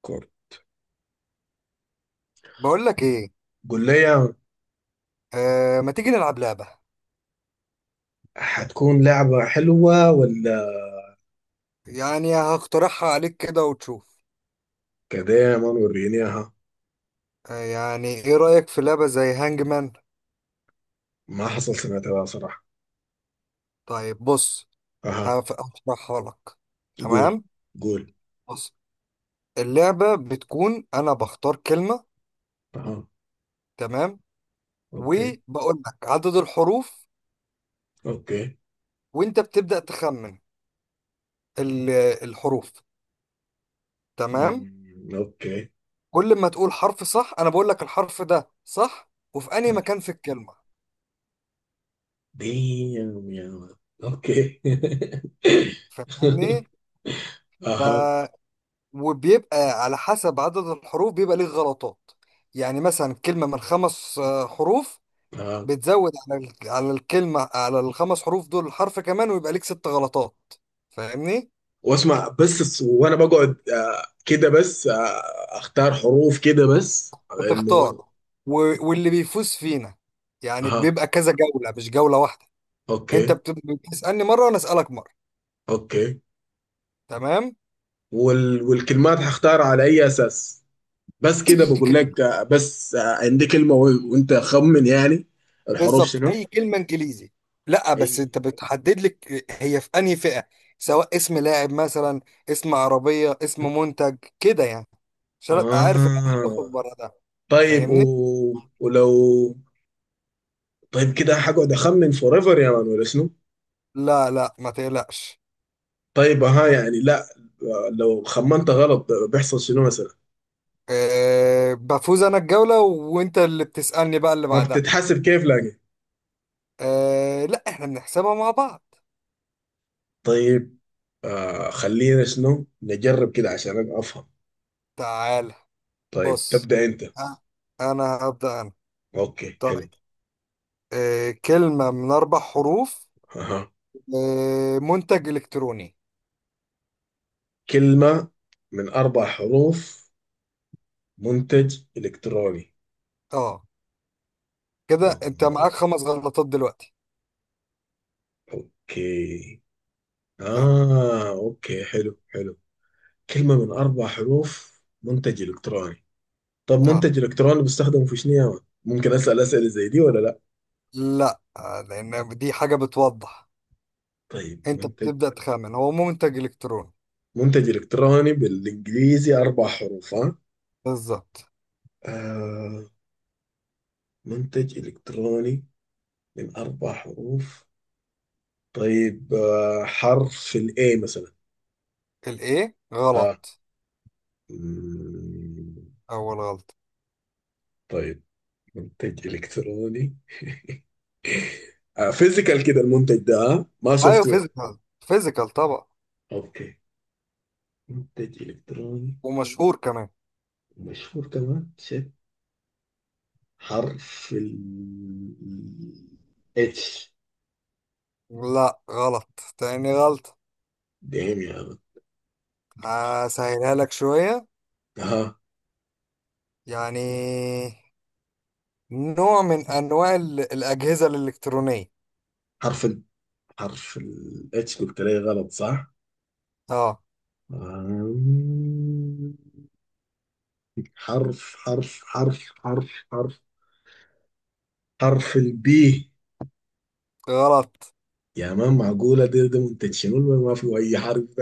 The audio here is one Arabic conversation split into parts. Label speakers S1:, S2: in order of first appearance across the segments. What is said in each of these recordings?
S1: كورة.
S2: بقول لك ايه.
S1: قول لي يا-.
S2: آه، ما تيجي نلعب لعبة؟
S1: هتكون لعبة حلوة ولا
S2: يعني هقترحها عليك كده وتشوف.
S1: كده؟ ما ورينيها.
S2: آه، يعني ايه رأيك في لعبة زي هانج مان؟
S1: ما حصل سمعتها صراحة.
S2: طيب بص،
S1: اها.
S2: هشرحها لك.
S1: قول
S2: تمام.
S1: قول.
S2: بص، اللعبة بتكون انا بختار كلمة.
S1: اها.
S2: تمام.
S1: اوكي.
S2: وبقول لك عدد الحروف،
S1: اوكي.
S2: وانت بتبدأ تخمن ال- الحروف. تمام.
S1: اوكي.
S2: كل ما تقول حرف صح انا بقول لك الحرف ده صح وفي انهي مكان في الكلمة.
S1: ديم يا ولد. اوكي.
S2: فاهمني؟
S1: اها.
S2: وبيبقى على حسب عدد الحروف بيبقى ليه غلطات. يعني مثلا كلمة من خمس حروف،
S1: اها.
S2: بتزود على على الكلمة، على الخمس حروف دول حرف كمان، ويبقى ليك ست غلطات. فاهمني؟
S1: واسمع بس الس- وانا بقعد كده بس اختار حروف كده بس على انه.
S2: بتختار. واللي بيفوز فينا، يعني
S1: اها.
S2: بيبقى كذا جولة مش جولة واحدة. انت
S1: اوكي.
S2: بتسألني مرة وانا اسألك مرة.
S1: اوكي.
S2: تمام؟
S1: وال... والكلمات هختار على اي اساس؟ بس كده
S2: اي
S1: بقول لك
S2: كلمة.
S1: بس عندي كلمة و... وانت خمن يعني الحروف
S2: بالظبط
S1: شنو.
S2: اي كلمه انجليزي. لا
S1: اي.
S2: بس انت بتحدد لك هي في انهي فئه، سواء اسم لاعب مثلا، اسم عربيه، اسم منتج كده يعني. عشان ابقى عارف ان انا مش هخرج
S1: اه
S2: بره ده.
S1: طيب و...
S2: فاهمني.
S1: ولو طيب كده هقعد اخمن فور ايفر يا مان ولا شنو؟
S2: لا لا، ما تقلقش.
S1: طيب ها يعني لا. لو خمنت غلط بيحصل شنو مثلا؟
S2: أه، بفوز انا الجوله وانت اللي بتسالني بقى اللي
S1: ما
S2: بعدها.
S1: بتتحسب كيف لكن؟
S2: أه لا، احنا بنحسبها مع بعض.
S1: طيب آه، خلينا شنو نجرب كده عشان أنا افهم.
S2: تعال.
S1: طيب
S2: بص.
S1: تبدأ انت.
S2: ها، انا هبدا انا.
S1: اوكي
S2: طيب.
S1: حلو.
S2: أه، كلمه من اربع حروف. أه، منتج الكتروني.
S1: كلمة من 4 حروف منتج إلكتروني.
S2: اه. كده
S1: آه،
S2: انت معاك خمس غلطات دلوقتي.
S1: أوكي.
S2: خمن.
S1: آه أوكي حلو حلو. كلمة من أربع حروف منتج إلكتروني. طب
S2: اه
S1: منتج إلكتروني بيستخدم في شنو يا مان؟ ممكن أسأل أسئلة زي دي ولا لا؟
S2: لا، لان دي حاجة بتوضح.
S1: طيب
S2: انت
S1: منتج.
S2: بتبدأ تخمن هو منتج الكتروني.
S1: منتج إلكتروني بالإنجليزي 4 حروف ها؟
S2: بالظبط.
S1: آه. منتج إلكتروني من أربع حروف. طيب آه، حرف الإيه مثلا.
S2: الايه
S1: آه.
S2: غلط.
S1: مم.
S2: اول غلط.
S1: طيب منتج إلكتروني. آه فيزيكال كده المنتج ده ها؟ ما
S2: ايوه
S1: سوفت وير.
S2: فيزيكال، فيزيكال طبعا.
S1: اوكي. منتج إلكتروني
S2: ومشهور كمان.
S1: مشهور كمان شيت. حرف ال اتش.
S2: لا غلط، تاني غلط.
S1: دايم يا ولد.
S2: هسهلها لك شوية.
S1: ها.
S2: يعني نوع من انواع الاجهزة الالكترونية.
S1: حرف ال. حرف ال اتش قلت لي غلط صح؟
S2: اه
S1: آم، حرف حرف البي.
S2: غلط.
S1: يا مان معقولة ده منتج شنو؟ ما فيه أي حرف.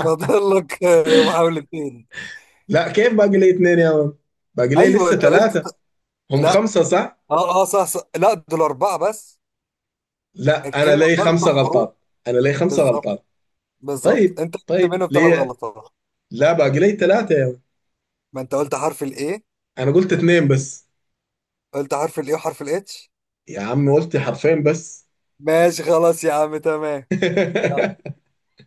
S2: فاضل لك محاولتين.
S1: لا كيف باقي لي اتنين يا مان؟ باقي لي
S2: ايوه
S1: لسه
S2: انت قلت.
S1: ثلاثة. هم
S2: لا
S1: خمسة صح؟
S2: اه، اه صح، صح لا دول اربعه بس.
S1: لا أنا
S2: الكلمه
S1: لي
S2: باربع
S1: خمسة
S2: حروف.
S1: غلطات أنا لي خمسة
S2: بالظبط.
S1: غلطات.
S2: بالظبط،
S1: طيب
S2: انت قلت
S1: طيب
S2: منهم ثلاث
S1: ليه؟
S2: غلطات.
S1: لا باقي لي ثلاثة يا مان.
S2: ما انت قلت حرف الايه.
S1: أنا قلت اتنين بس.
S2: قلت حرف الايه وحرف الاتش.
S1: يا عم قلت حرفين بس.
S2: ماشي خلاص يا عم، تمام. يلا.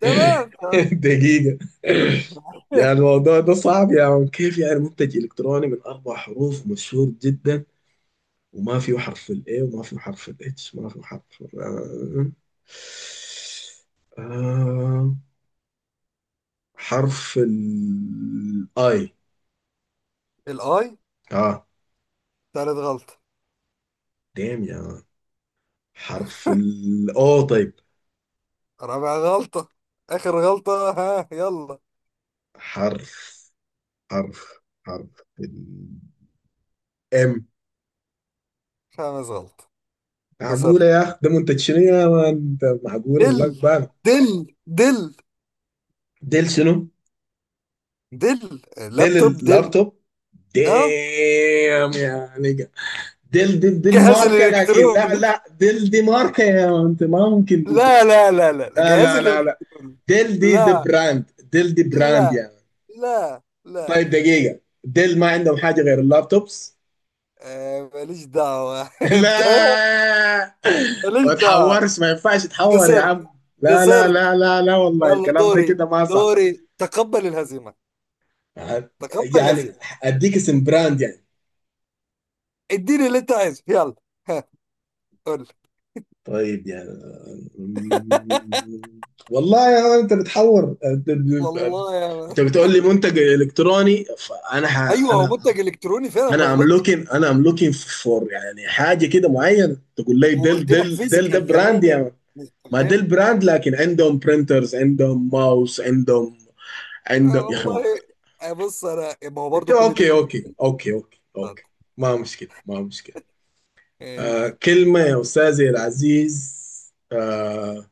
S2: تمام، تمام.
S1: دقيقة. يعني الموضوع ده صعب يا عم. كيف يعني منتج إلكتروني من أربع حروف مشهور جدا وما فيه حرف ال A وما فيه حرف ال H ما فيه حرف ال-. آه. حرف الاي.
S2: الاي.
S1: اه.
S2: ثالث غلطه.
S1: دام يا. حرف الاو طيب.
S2: رابع غلطه، اخر غلطه، ها يلا.
S1: حرف حرف حرف الام.
S2: خامس غلطه. خسرت.
S1: معقولة يا اخ؟ ده منتج شنو يا مان؟ انت معقولة
S2: دل.
S1: والله بان.
S2: دل. دل.
S1: ديل شنو؟
S2: دل.
S1: ديل
S2: لابتوب دل.
S1: اللابتوب.
S2: اه.
S1: دام يا نيجا. ديل دي
S2: جهاز
S1: الماركة لكن لا
S2: الالكتروني.
S1: لا ديل دي ماركة يا مان. انت ما ممكن دي.
S2: لا لا لا لا،
S1: لا
S2: جهاز
S1: لا لا لا.
S2: الالكتروني.
S1: ديل دي
S2: لا
S1: براند. ديل دي براند
S2: لا
S1: يا.
S2: لا لا
S1: طيب
S2: لا.
S1: دقيقة، ديل ما عندهم حاجة غير اللابتوبس.
S2: آه، ماليش دعوة. انت.
S1: لا. ما
S2: ماليش دعوة.
S1: تحورش. ما ينفعش تحور يا
S2: خسرت.
S1: عم. لا لا
S2: خسرت.
S1: لا لا لا والله
S2: يلا
S1: الكلام ده
S2: دوري.
S1: كده ما صح.
S2: دوري، تقبل الهزيمة. تقبل
S1: يعني
S2: الهزيمة.
S1: اديك اسم براند يعني.
S2: اديني اللي انت عايزه يلا. ها. قول لي.
S1: طيب يعني والله يا مان انت بتحور.
S2: والله يا ما.
S1: انت بتقول لي منتج الكتروني فانا ح...
S2: ايوه هو
S1: انا،
S2: منتج الكتروني فعلا، ما
S1: انا ام
S2: غلطت.
S1: لوكين، انا ام لوكين فور يعني حاجه كده معينه، تقول لي ديل
S2: وقلت لك
S1: ديل ديل ده
S2: فيزيكال
S1: براند
S2: كمان.
S1: يعني. ما ده
S2: نستخدمه.
S1: البراند لكن عندهم برينترز عندهم ماوس عندهم.
S2: آه
S1: عندهم يا اخي ما.
S2: والله. آه بص، انا ما هو
S1: انت
S2: برضه كل دي
S1: اوكي
S2: منتج.
S1: اوكي اوكي اوكي
S2: طب،
S1: اوكي. ما مشكله ما مشكله. آه
S2: ماشي.
S1: كلمه يا استاذي العزيز آه،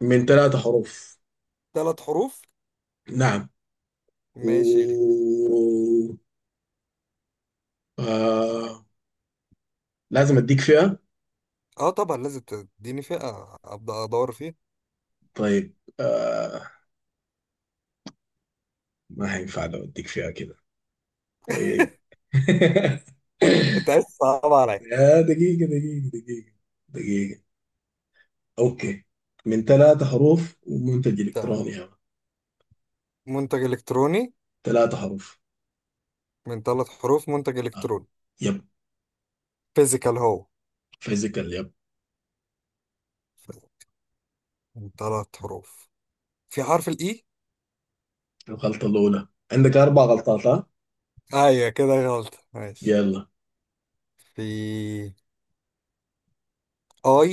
S1: من 3 حروف.
S2: ثلاث حروف.
S1: نعم. و
S2: ماشي.
S1: آه، لازم اديك فيها.
S2: اه طبعا لازم تديني فئة ابدا ادور فيها.
S1: طيب آه، ما هينفع لو اديك فيها كده. طيب.
S2: انت عايز تصعب عليا.
S1: يا دقيقة دقيقة دقيقة. دقيقة. اوكي. من ثلاثة حروف ومنتج
S2: تمام.
S1: الكتروني يعني
S2: منتج الكتروني.
S1: 3 حروف.
S2: من ثلاث حروف منتج
S1: آه.
S2: الكتروني.
S1: يب.
S2: فيزيكال هو.
S1: فيزيكال يب.
S2: من ثلاث حروف. في حرف الاي.
S1: الغلطة الأولى عندك 4 غلطات ها.
S2: ايوه كده غلط، ماشي.
S1: يلا.
S2: في. اي.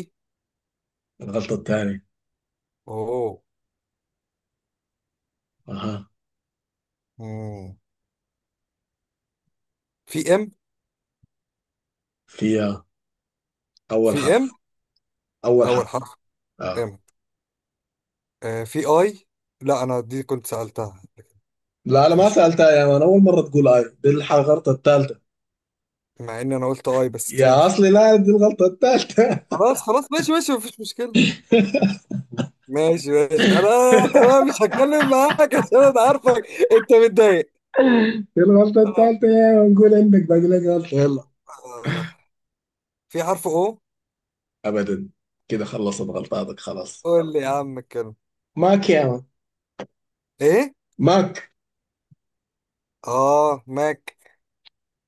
S1: الغلطة الثانية.
S2: اوه.
S1: أها.
S2: مم. في ام.
S1: فيها. أول
S2: في ام
S1: حرف. أول
S2: اول
S1: حرف.
S2: حرف.
S1: آه.
S2: ام. في اي. لا انا دي كنت سألتها.
S1: لا أنا ما
S2: فيش.
S1: سألتها يا مان، أول مرة تقول آي. دي الح-، الغلطة الثالثة.
S2: مع ان انا قلت اي بس
S1: يا
S2: ماشي.
S1: أصلي لا، دي الغلطة الثالثة.
S2: خلاص خلاص، ماشي ماشي، مفيش مشكلة. ماشي ماشي انا. تمام، مش هتكلم معاك عشان انا عارفك. انت متضايق.
S1: دي الغلطة الثالثة يا مان. قول عندك باقي لك غلطة. يلا.
S2: آه. في حرف او.
S1: أبدا. كده خلصت غلطاتك خلاص.
S2: قول لي يا عم الكلمة.
S1: ماك يا مان.
S2: ايه.
S1: ماك.
S2: اه ماك.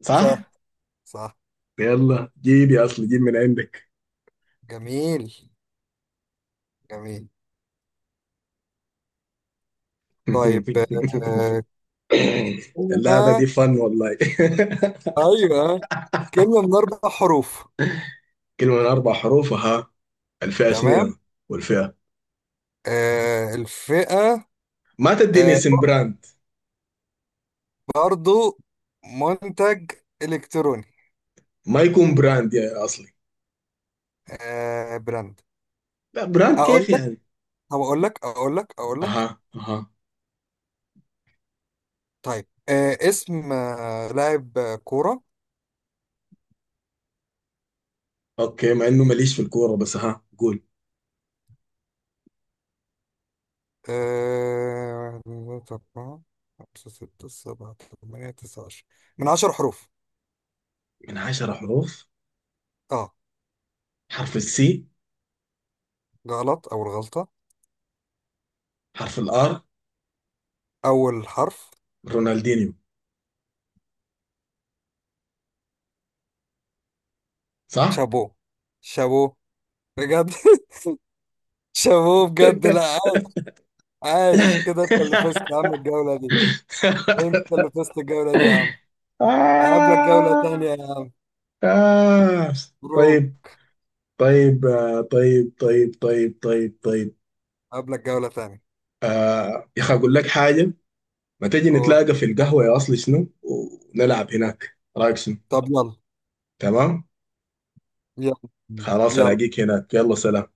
S1: صح؟
S2: صح. صح.
S1: يلا جيب يا اصل، جيب من عندك.
S2: جميل. جميل. طيب. آه.
S1: اللعبة دي
S2: كلمة.
S1: فن والله.
S2: ايوه، كلمة من اربع حروف.
S1: كلمة من أربع حروف ها. الفئة شنو
S2: تمام.
S1: يا؟ والفئة؟
S2: آه، الفئة.
S1: ما تديني
S2: آه،
S1: اسم براند.
S2: برضو منتج الكتروني.
S1: ما يكون براند يا أصلي.
S2: آه، براند.
S1: لا براند
S2: اقول
S1: كيف
S2: لك.
S1: يعني؟
S2: طب اقول لك، اقول لك، اقول لك.
S1: أها أها.
S2: طيب اسم لاعب كورة.
S1: أوكي مع إنه ماليش في الكورة بس ها قول.
S2: واحد اتنين تلاتة أربعة، خمسة ستة سبعة، تمانية تسعة 10. من 10 حروف.
S1: من 10 حروف.
S2: اه
S1: حرف السي.
S2: غلط، أول غلطة.
S1: حرف الآر.
S2: أول حرف.
S1: رونالدينيو صح؟
S2: شابو. شابو. بجد. شابو بجد، لا عاش. عاش كده، انت اللي فزت يا عم الجولة دي. انت اللي فزت الجولة دي يا عم. هقابلك جولة تانية
S1: آه.
S2: يا عم.
S1: آه.
S2: مبروك.
S1: طيب. طيب طيب طيب طيب طيب طيب.
S2: هقابلك جولة تانية.
S1: آه يا اخي اقول لك حاجه. ما تجي
S2: أوه.
S1: نتلاقى في القهوه يا اصلي شنو؟ ونلعب هناك، رايك شنو؟
S2: طب يلا.
S1: تمام.
S2: يلا
S1: خلاص
S2: يلا.
S1: الاقيك هناك، يلا سلام.